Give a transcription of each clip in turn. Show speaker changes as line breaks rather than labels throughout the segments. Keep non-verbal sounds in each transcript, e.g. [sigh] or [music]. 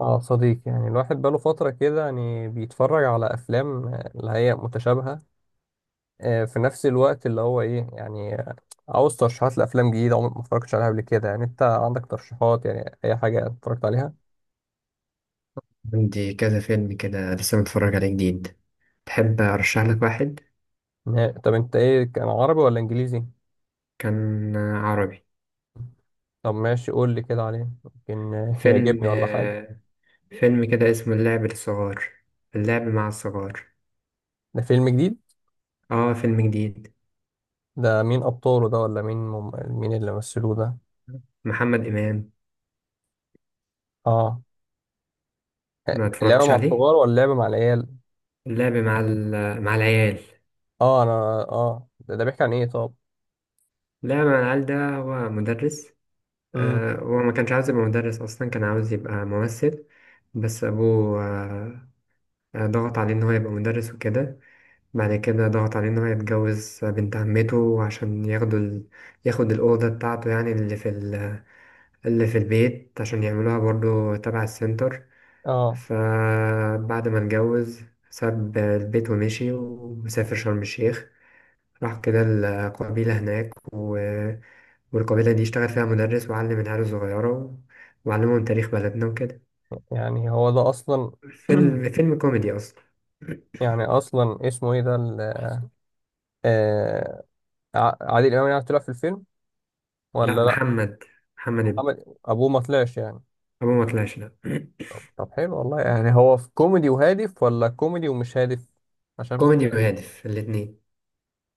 اه صديق يعني الواحد بقاله فترة كده يعني بيتفرج على أفلام اللي هي متشابهة. في نفس الوقت اللي هو إيه يعني عاوز ترشيحات لأفلام جديدة عمري ما اتفرجتش عليها قبل كده. يعني أنت عندك ترشيحات؟ يعني أي حاجة اتفرجت عليها؟
عندي كذا فيلم كده لسه متفرج عليه جديد. تحب أرشح لك واحد؟
طب أنت إيه، كان عربي ولا إنجليزي؟
كان عربي.
طب ماشي، قول لي كده عليه يمكن [laughs]
فيلم
يعجبني ولا حاجة.
فيلم كده اسمه اللعب للصغار. اللعب مع الصغار.
ده فيلم جديد؟
اه، فيلم جديد.
ده مين أبطاله ده، ولا مين مين اللي مثلوه ده؟
محمد إمام.
اه.
ما
لعبة
اتفرجتش
مع
عليه.
الصغار ولا لعبة مع العيال؟
اللعب مع مع العيال.
اه أنا. اه ده بيحكي عن إيه طب؟
اللعب مع العيال ده هو مدرس.
امم.
هو ما كانش عاوز يبقى مدرس أصلا، كان عاوز يبقى ممثل. بس أبوه ضغط عليه إن هو يبقى مدرس وكده. بعد كده ضغط عليه إن هو يتجوز بنت عمته عشان ياخدوا ياخد الأوضة بتاعته، يعني اللي في اللي في البيت عشان يعملوها برضو تبع السنتر.
اه
فبعد ما اتجوز ساب البيت ومشي وسافر شرم الشيخ. راح كده القبيلة هناك والقبيلة دي اشتغل فيها مدرس وعلم العيال الصغيرة وعلمهم تاريخ بلدنا وكده.
يعني هو ده اصلا. [clears throat]
فيلم كوميدي أصلا.
يعني اصلا اسمه ايه ده؟ آه عادل امام يعني طلع في الفيلم
لا،
ولا لا؟
محمد. محمد ابنه.
محمد ابوه ما طلعش يعني؟
أبوه ما طلعش، لا.
طب حلو والله. يعني هو في كوميدي وهادف ولا كوميدي ومش هادف؟ عشان.
كوميدي وهادف، الاتنين.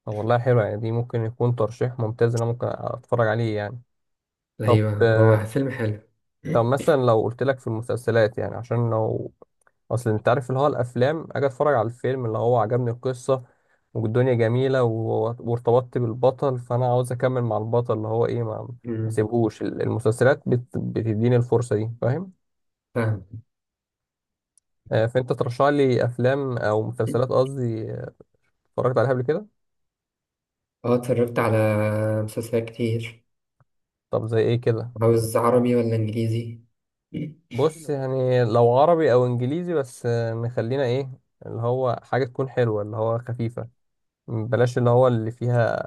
طب والله حلو. يعني دي ممكن يكون ترشيح ممتاز، إن انا ممكن اتفرج عليه يعني. طب
ايوه، هو فيلم حلو.
طب مثلا لو قلت لك في المسلسلات، يعني عشان لو اصل انت عارف اللي هو الافلام، اجي اتفرج على الفيلم اللي هو عجبني القصه والدنيا جميله وارتبطت بالبطل، فانا عاوز اكمل مع البطل اللي هو ايه، ما
أمم.
سيبهوش المسلسلات بتديني الفرصه دي، فاهم؟
فاهم.
فانت ترشح لي افلام او مسلسلات، قصدي اتفرجت عليها قبل كده.
اه، اتفرجت على مسلسلات كتير.
طب زي ايه كده؟
عاوز عربي ولا انجليزي؟
بص يعني لو عربي او انجليزي، بس نخلينا ايه، اللي هو حاجه تكون حلوه اللي هو خفيفه. بلاش اللي هو اللي فيها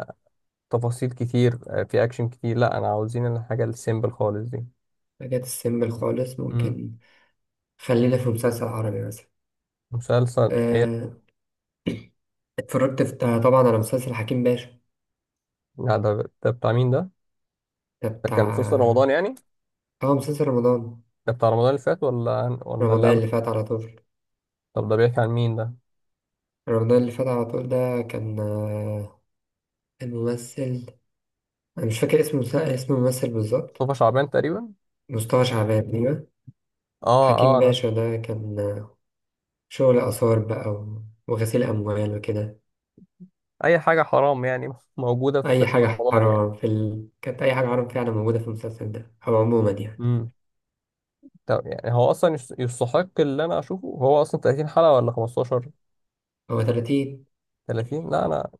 تفاصيل كتير، في اكشن كتير. لا، انا عاوزين الحاجه السيمبل خالص دي.
حاجات السيمبل خالص
امم.
ممكن. خلينا في مسلسل عربي مثلا.
مسلسل ايه؟
آه، اتفرجت في، طبعا، على مسلسل حكيم باشا.
لا، ده بتاع مين ده؟
ده
ده كان مسلسل
بتاع.
رمضان يعني؟
اه، مسلسل رمضان.
ده بتاع رمضان اللي فات ولا
رمضان
اللي قبل؟
اللي فات على طول.
طب ده بيحكي عن مين ده؟
رمضان اللي فات على طول ده كان الممثل، انا مش فاكر اسم اسم الممثل بالظبط.
مصطفى شعبان تقريبا.
مصطفى شعبان، أيوة.
اه اه
حكيم
انا.
باشا ده كان شغل آثار بقى وغسيل أموال وكده.
اي حاجه حرام يعني [laughs] موجوده في
أي
في
حاجة
رمضان يعني.
حرام في كانت أي حاجة حرام فعلا موجودة في المسلسل ده أو عموما يعني.
امم. طب يعني هو اصلا يستحق اللي انا اشوفه؟ هو اصلا 30 حلقه ولا 15؟
هو 30.
30 لا، انا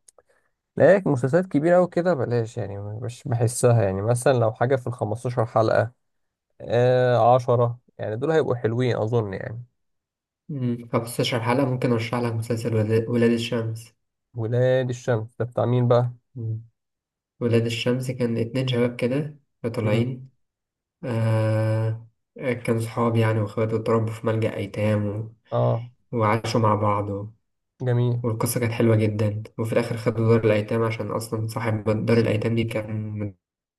لايك مسلسلات كبيره قوي كده بلاش. يعني مش بحسها. يعني مثلا لو حاجه في ال 15 حلقه، 10، يعني دول هيبقوا حلوين أظن يعني.
مم. 15 حلقة. ممكن أرشح لك مسلسل ولاد الشمس.
ولاد الشمس ده بتاع مين بقى؟
مم. ولاد الشمس كان اتنين شباب كده
مم.
طالعين. آه. كانوا صحاب يعني وإخوات، واتربوا في ملجأ أيتام
اه.
وعاشوا مع بعض.
جميل.
والقصة كانت حلوة جدا، وفي الآخر خدوا دار الأيتام عشان أصلا صاحب دار الأيتام دي كان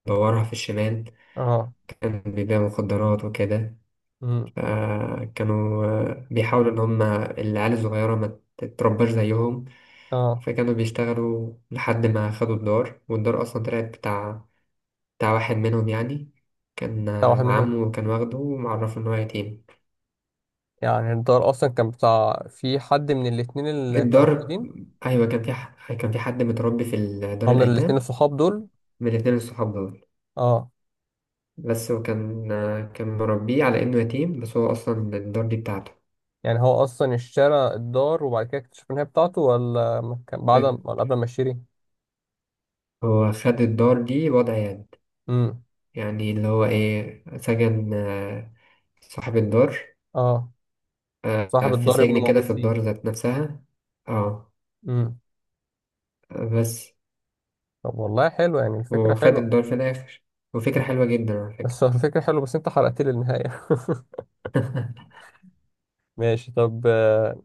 مدورها في الشمال.
اه.
كان بيبيع مخدرات وكده.
مم.
فكانوا بيحاولوا إن هما العيال الصغيرة ما تترباش زيهم.
اه
فكانوا بيشتغلوا لحد ما خدوا الدار، والدار أصلا طلعت بتاع واحد منهم يعني. كان
ده واحد منهم؟
عمه كان واخده ومعرفه إن هو يتيم.
يعني الدار أصلا كان بتاع في حد من الاتنين اللي كانوا
الدار،
موجودين؟
أيوة، كان في كان في حد متربي في
هو
دار
من الاتنين
الأيتام.
الصحاب دول؟
من الاتنين الصحاب دول.
اه.
بس، وكان مربيه على إنه يتيم بس هو أصلا الدار دي بتاعته.
يعني هو أصلا اشترى الدار وبعد كده اكتشف إن هي بتاعته، ولا ما كان بعد ولا قبل ما يشتري؟
هو خد الدار دي وضع يد،
مم.
يعني اللي هو إيه سجن صاحب الدار
اه. صاحب
في
الدار ابنه
سجن كده
موجود
في
فيه؟
الدار ذات نفسها. اه.
مم.
بس
طب والله حلو، يعني الفكرة
وخد
حلوة.
الدار في الآخر. وفكرة حلوة جدا على
[laughs]
فكرة.
بس الفكرة حلوة، بس أنت حرقت لي النهاية. [laughs]
[laughs]
ماشي طب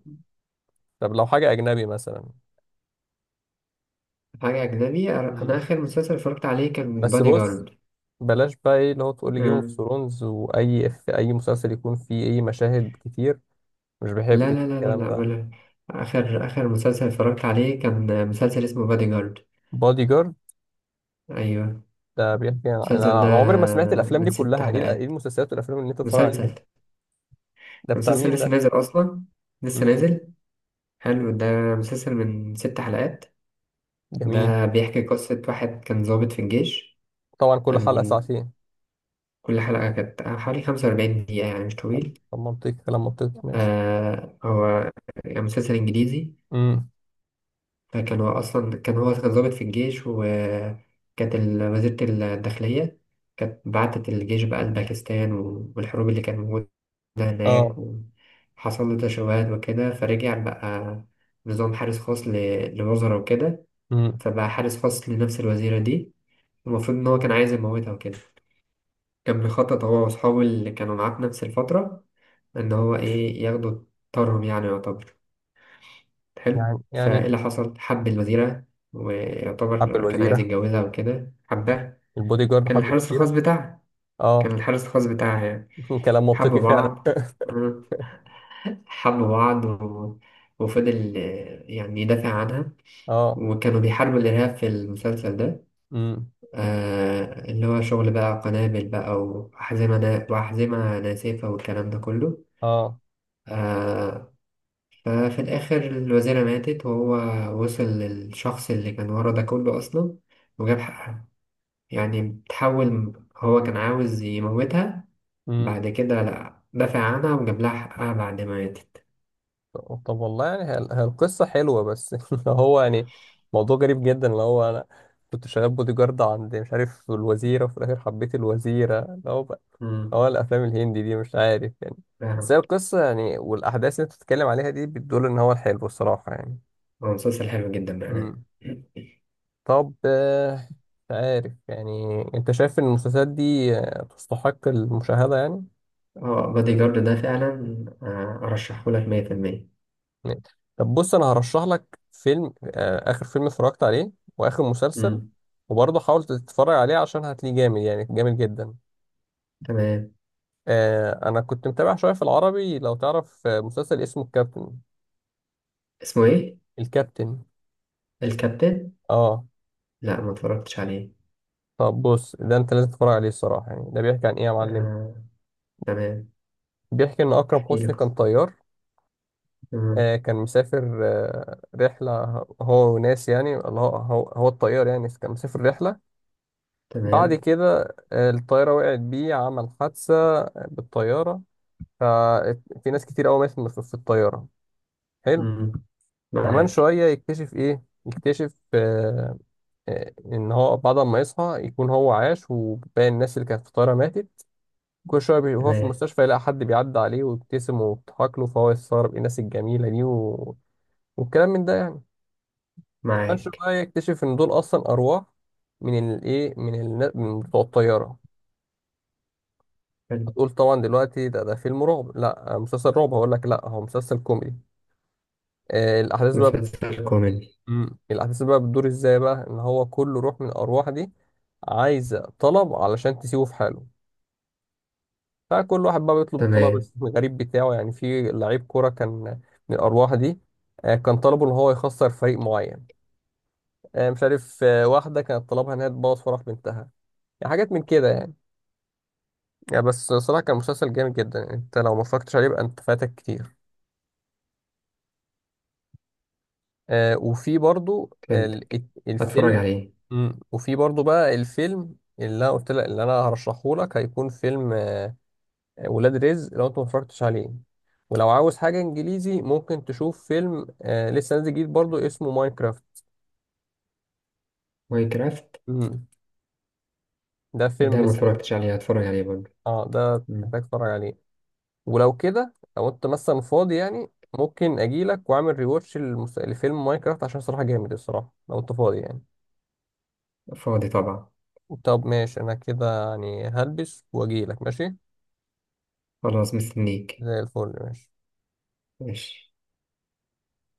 طب لو حاجة أجنبي مثلا.
حاجة أجنبي؟ أنا
مم.
آخر مسلسل اتفرجت عليه كان
بس
بادي
بص،
جارد.
بلاش بقى إيه اللي هو تقول لي جيم اوف
مم.
ثرونز، وأي في أي مسلسل يكون فيه إيه مشاهد كتير. مش بحب
لا لا لا لا
الكلام
لا،
ده.
ولا آخر مسلسل اتفرجت عليه كان مسلسل اسمه بادي جارد.
بادي جارد؟
أيوه.
ده بيحكي
المسلسل
أنا
ده
أنا عمري ما سمعت الأفلام
من
دي
ست
كلها. إيه إيه
حلقات.
المسلسلات والأفلام اللي أنت بتتفرج عليها
مسلسل.
دي؟ ده بتاع
المسلسل
مين
لسه
ده؟
نازل أصلا. لسه
مم.
نازل. حلو ده. مسلسل من ست حلقات.
جميل.
ده بيحكي قصة واحد كان ضابط في الجيش.
طبعا كل حلقة
أم،
ساعتين؟
كل حلقة كانت حوالي خمسة وأربعين دقيقة، يعني مش طويل.
طب منطقي، كلام منطقي ماشي.
آه، هو مسلسل إنجليزي.
مم.
كان هو أصلا، كان ضابط في الجيش، وكانت وزيرة الداخلية كانت بعتت الجيش بقى لباكستان والحروب اللي كانت موجودة
آه.
هناك. وحصل له تشوهات وكده فرجع بقى نظام حارس خاص لوزراء وكده.
مم.
فبقى حارس خاص لنفس الوزيرة دي. المفروض إن هو كان عايز يموتها وكده. كان بيخطط هو وأصحابه اللي كانوا معاه في نفس الفترة إن هو إيه ياخدوا طارهم، يعني يعتبر. حلو،
يعني
فايه
يعني
اللي حصل؟ حب الوزيرة
حب
ويعتبر كان عايز
الوزيرة.
يتجوزها وكده، حبها.
البودي جارد
كان
حب
الحارس الخاص
الوزيرة؟
بتاعها. كان
آه.
الحارس الخاص بتاعها يعني.
[laughs] كلام
حبوا
منطقي فعلا.
بعض. [laughs] مم. حبوا بعض وفضل يعني يدافع عنها.
اه.
وكانوا بيحاربوا الإرهاب في المسلسل ده.
امم.
آه، اللي هو شغل بقى قنابل بقى وأحزمة ناسفة والكلام ده كله.
اه.
آه. ففي الآخر الوزيرة ماتت، وهو وصل للشخص اللي كان ورا ده كله أصلا وجاب حقها. يعني بتحول، هو كان عاوز يموتها،
امم.
بعد كده لأ، دافع عنها وجاب لها حقها بعد ما ماتت.
طب والله، يعني هي القصة حلوة بس [laughs] اللي هو يعني موضوع غريب جدا. اللي هو انا كنت شغال بودي جارد عند مش عارف الوزيرة، وفي الآخر حبيت الوزيرة، اللي هو بقى
مم.
هو الأفلام الهندي دي مش عارف يعني. بس
فاهم.
هي القصة يعني والأحداث اللي أنت بتتكلم عليها دي بتدل إن هو الحلو الصراحة يعني.
هو مسلسل حلو جدا بأمانة.
امم. طب مش عارف يعني، أنت شايف إن المسلسلات دي تستحق المشاهدة يعني؟
اه، بادي جارد ده فعلا أرشحه لك مية في المية.
اتنين. طب بص، انا هرشح لك فيلم اخر فيلم اتفرجت عليه واخر مسلسل.
مم.
وبرضه حاول تتفرج عليه، عشان هتلاقيه جامد يعني جامد جدا.
تمام.
انا كنت متابع شويه في العربي، لو تعرف مسلسل اسمه الكابتن.
اسمه إيه؟
الكابتن.
الكابتن؟
اه.
لأ، ما اتفرجتش عليه.
طب بص، ده انت لازم تتفرج عليه الصراحه. يعني ده بيحكي عن ايه يا معلم؟
آه، تمام.
بيحكي ان اكرم
احكي
حسني
لك.
كان طيار.
تمام.
كان مسافر رحله، هو وناس، يعني اللي هو هو الطيار يعني كان مسافر رحله. بعد
تمام.
كده الطيارة وقعت بيه، عمل حادثة بالطيارة. ففي ناس كتير قوي ماتت في الطيارة. حلو.
مم.
كمان
معاك.
شوية يكتشف إيه، يكتشف إن هو بعد ما يصحى يكون هو عاش وباقي الناس اللي كانت في الطيارة ماتت. كل شوية وهو في
تمام.
المستشفى يلاقي حد بيعدي عليه ويبتسم ويضحك له، فهو يستغرب إيه الناس الجميلة دي والكلام من ده يعني. كمان
معاك.
شوية يكتشف إن دول أصلا أرواح من الإيه، من بتوع الطيارة.
حلو.
هتقول طبعا دلوقتي ده فيلم رعب؟ لا، مسلسل رعب؟ هقول لك لا، هو مسلسل كوميدي. الاحداث بقى
مسلسل كوميدي.
مم. الاحداث بقى بتدور ازاي بقى؟ ان هو كل روح من الارواح دي عايزه طلب علشان تسيبه في حاله. فكل واحد بقى بيطلب الطلب
تمام.
[laughs] الغريب بتاعه يعني. في لعيب كوره كان من الارواح دي كان طلبه ان هو يخسر فريق معين. مش عارف، واحده كانت طلبها انها تبوظ فرح بنتها. يعني حاجات من كده يعني. يعني بس صراحه كان مسلسل جامد جدا يعني، انت لو ما اتفرجتش عليه يبقى انت فاتك كتير. وفي برضو
فهمتك. هتفرج
الفيلم.
عليه.
مم. وفي برضو بقى الفيلم اللي انا قلت لك اللي انا هرشحه لك هيكون فيلم ولاد رزق، لو انت ما اتفرجتش عليه. ولو عاوز حاجة انجليزي، ممكن تشوف فيلم لسه نازل جديد برضو، اسمه ماينكرافت.
ماينكرافت؟
مم. ده فيلم
ده ما
لسه نازل.
اتفرجتش عليه، هتفرج عليه برضه.
اه ده
مم.
محتاج تتفرج عليه. ولو كده لو انت مثلا فاضي يعني، ممكن اجيلك واعمل ريواتش لفيلم ماينكرافت، عشان صراحة جامد. الصراحة لو انت فاضي يعني.
فاضي طبعا.
طب ماشي، انا كده يعني هلبس واجيلك ماشي.
خلاص، مستنيك.
زي الفل. ماشي.
ماشي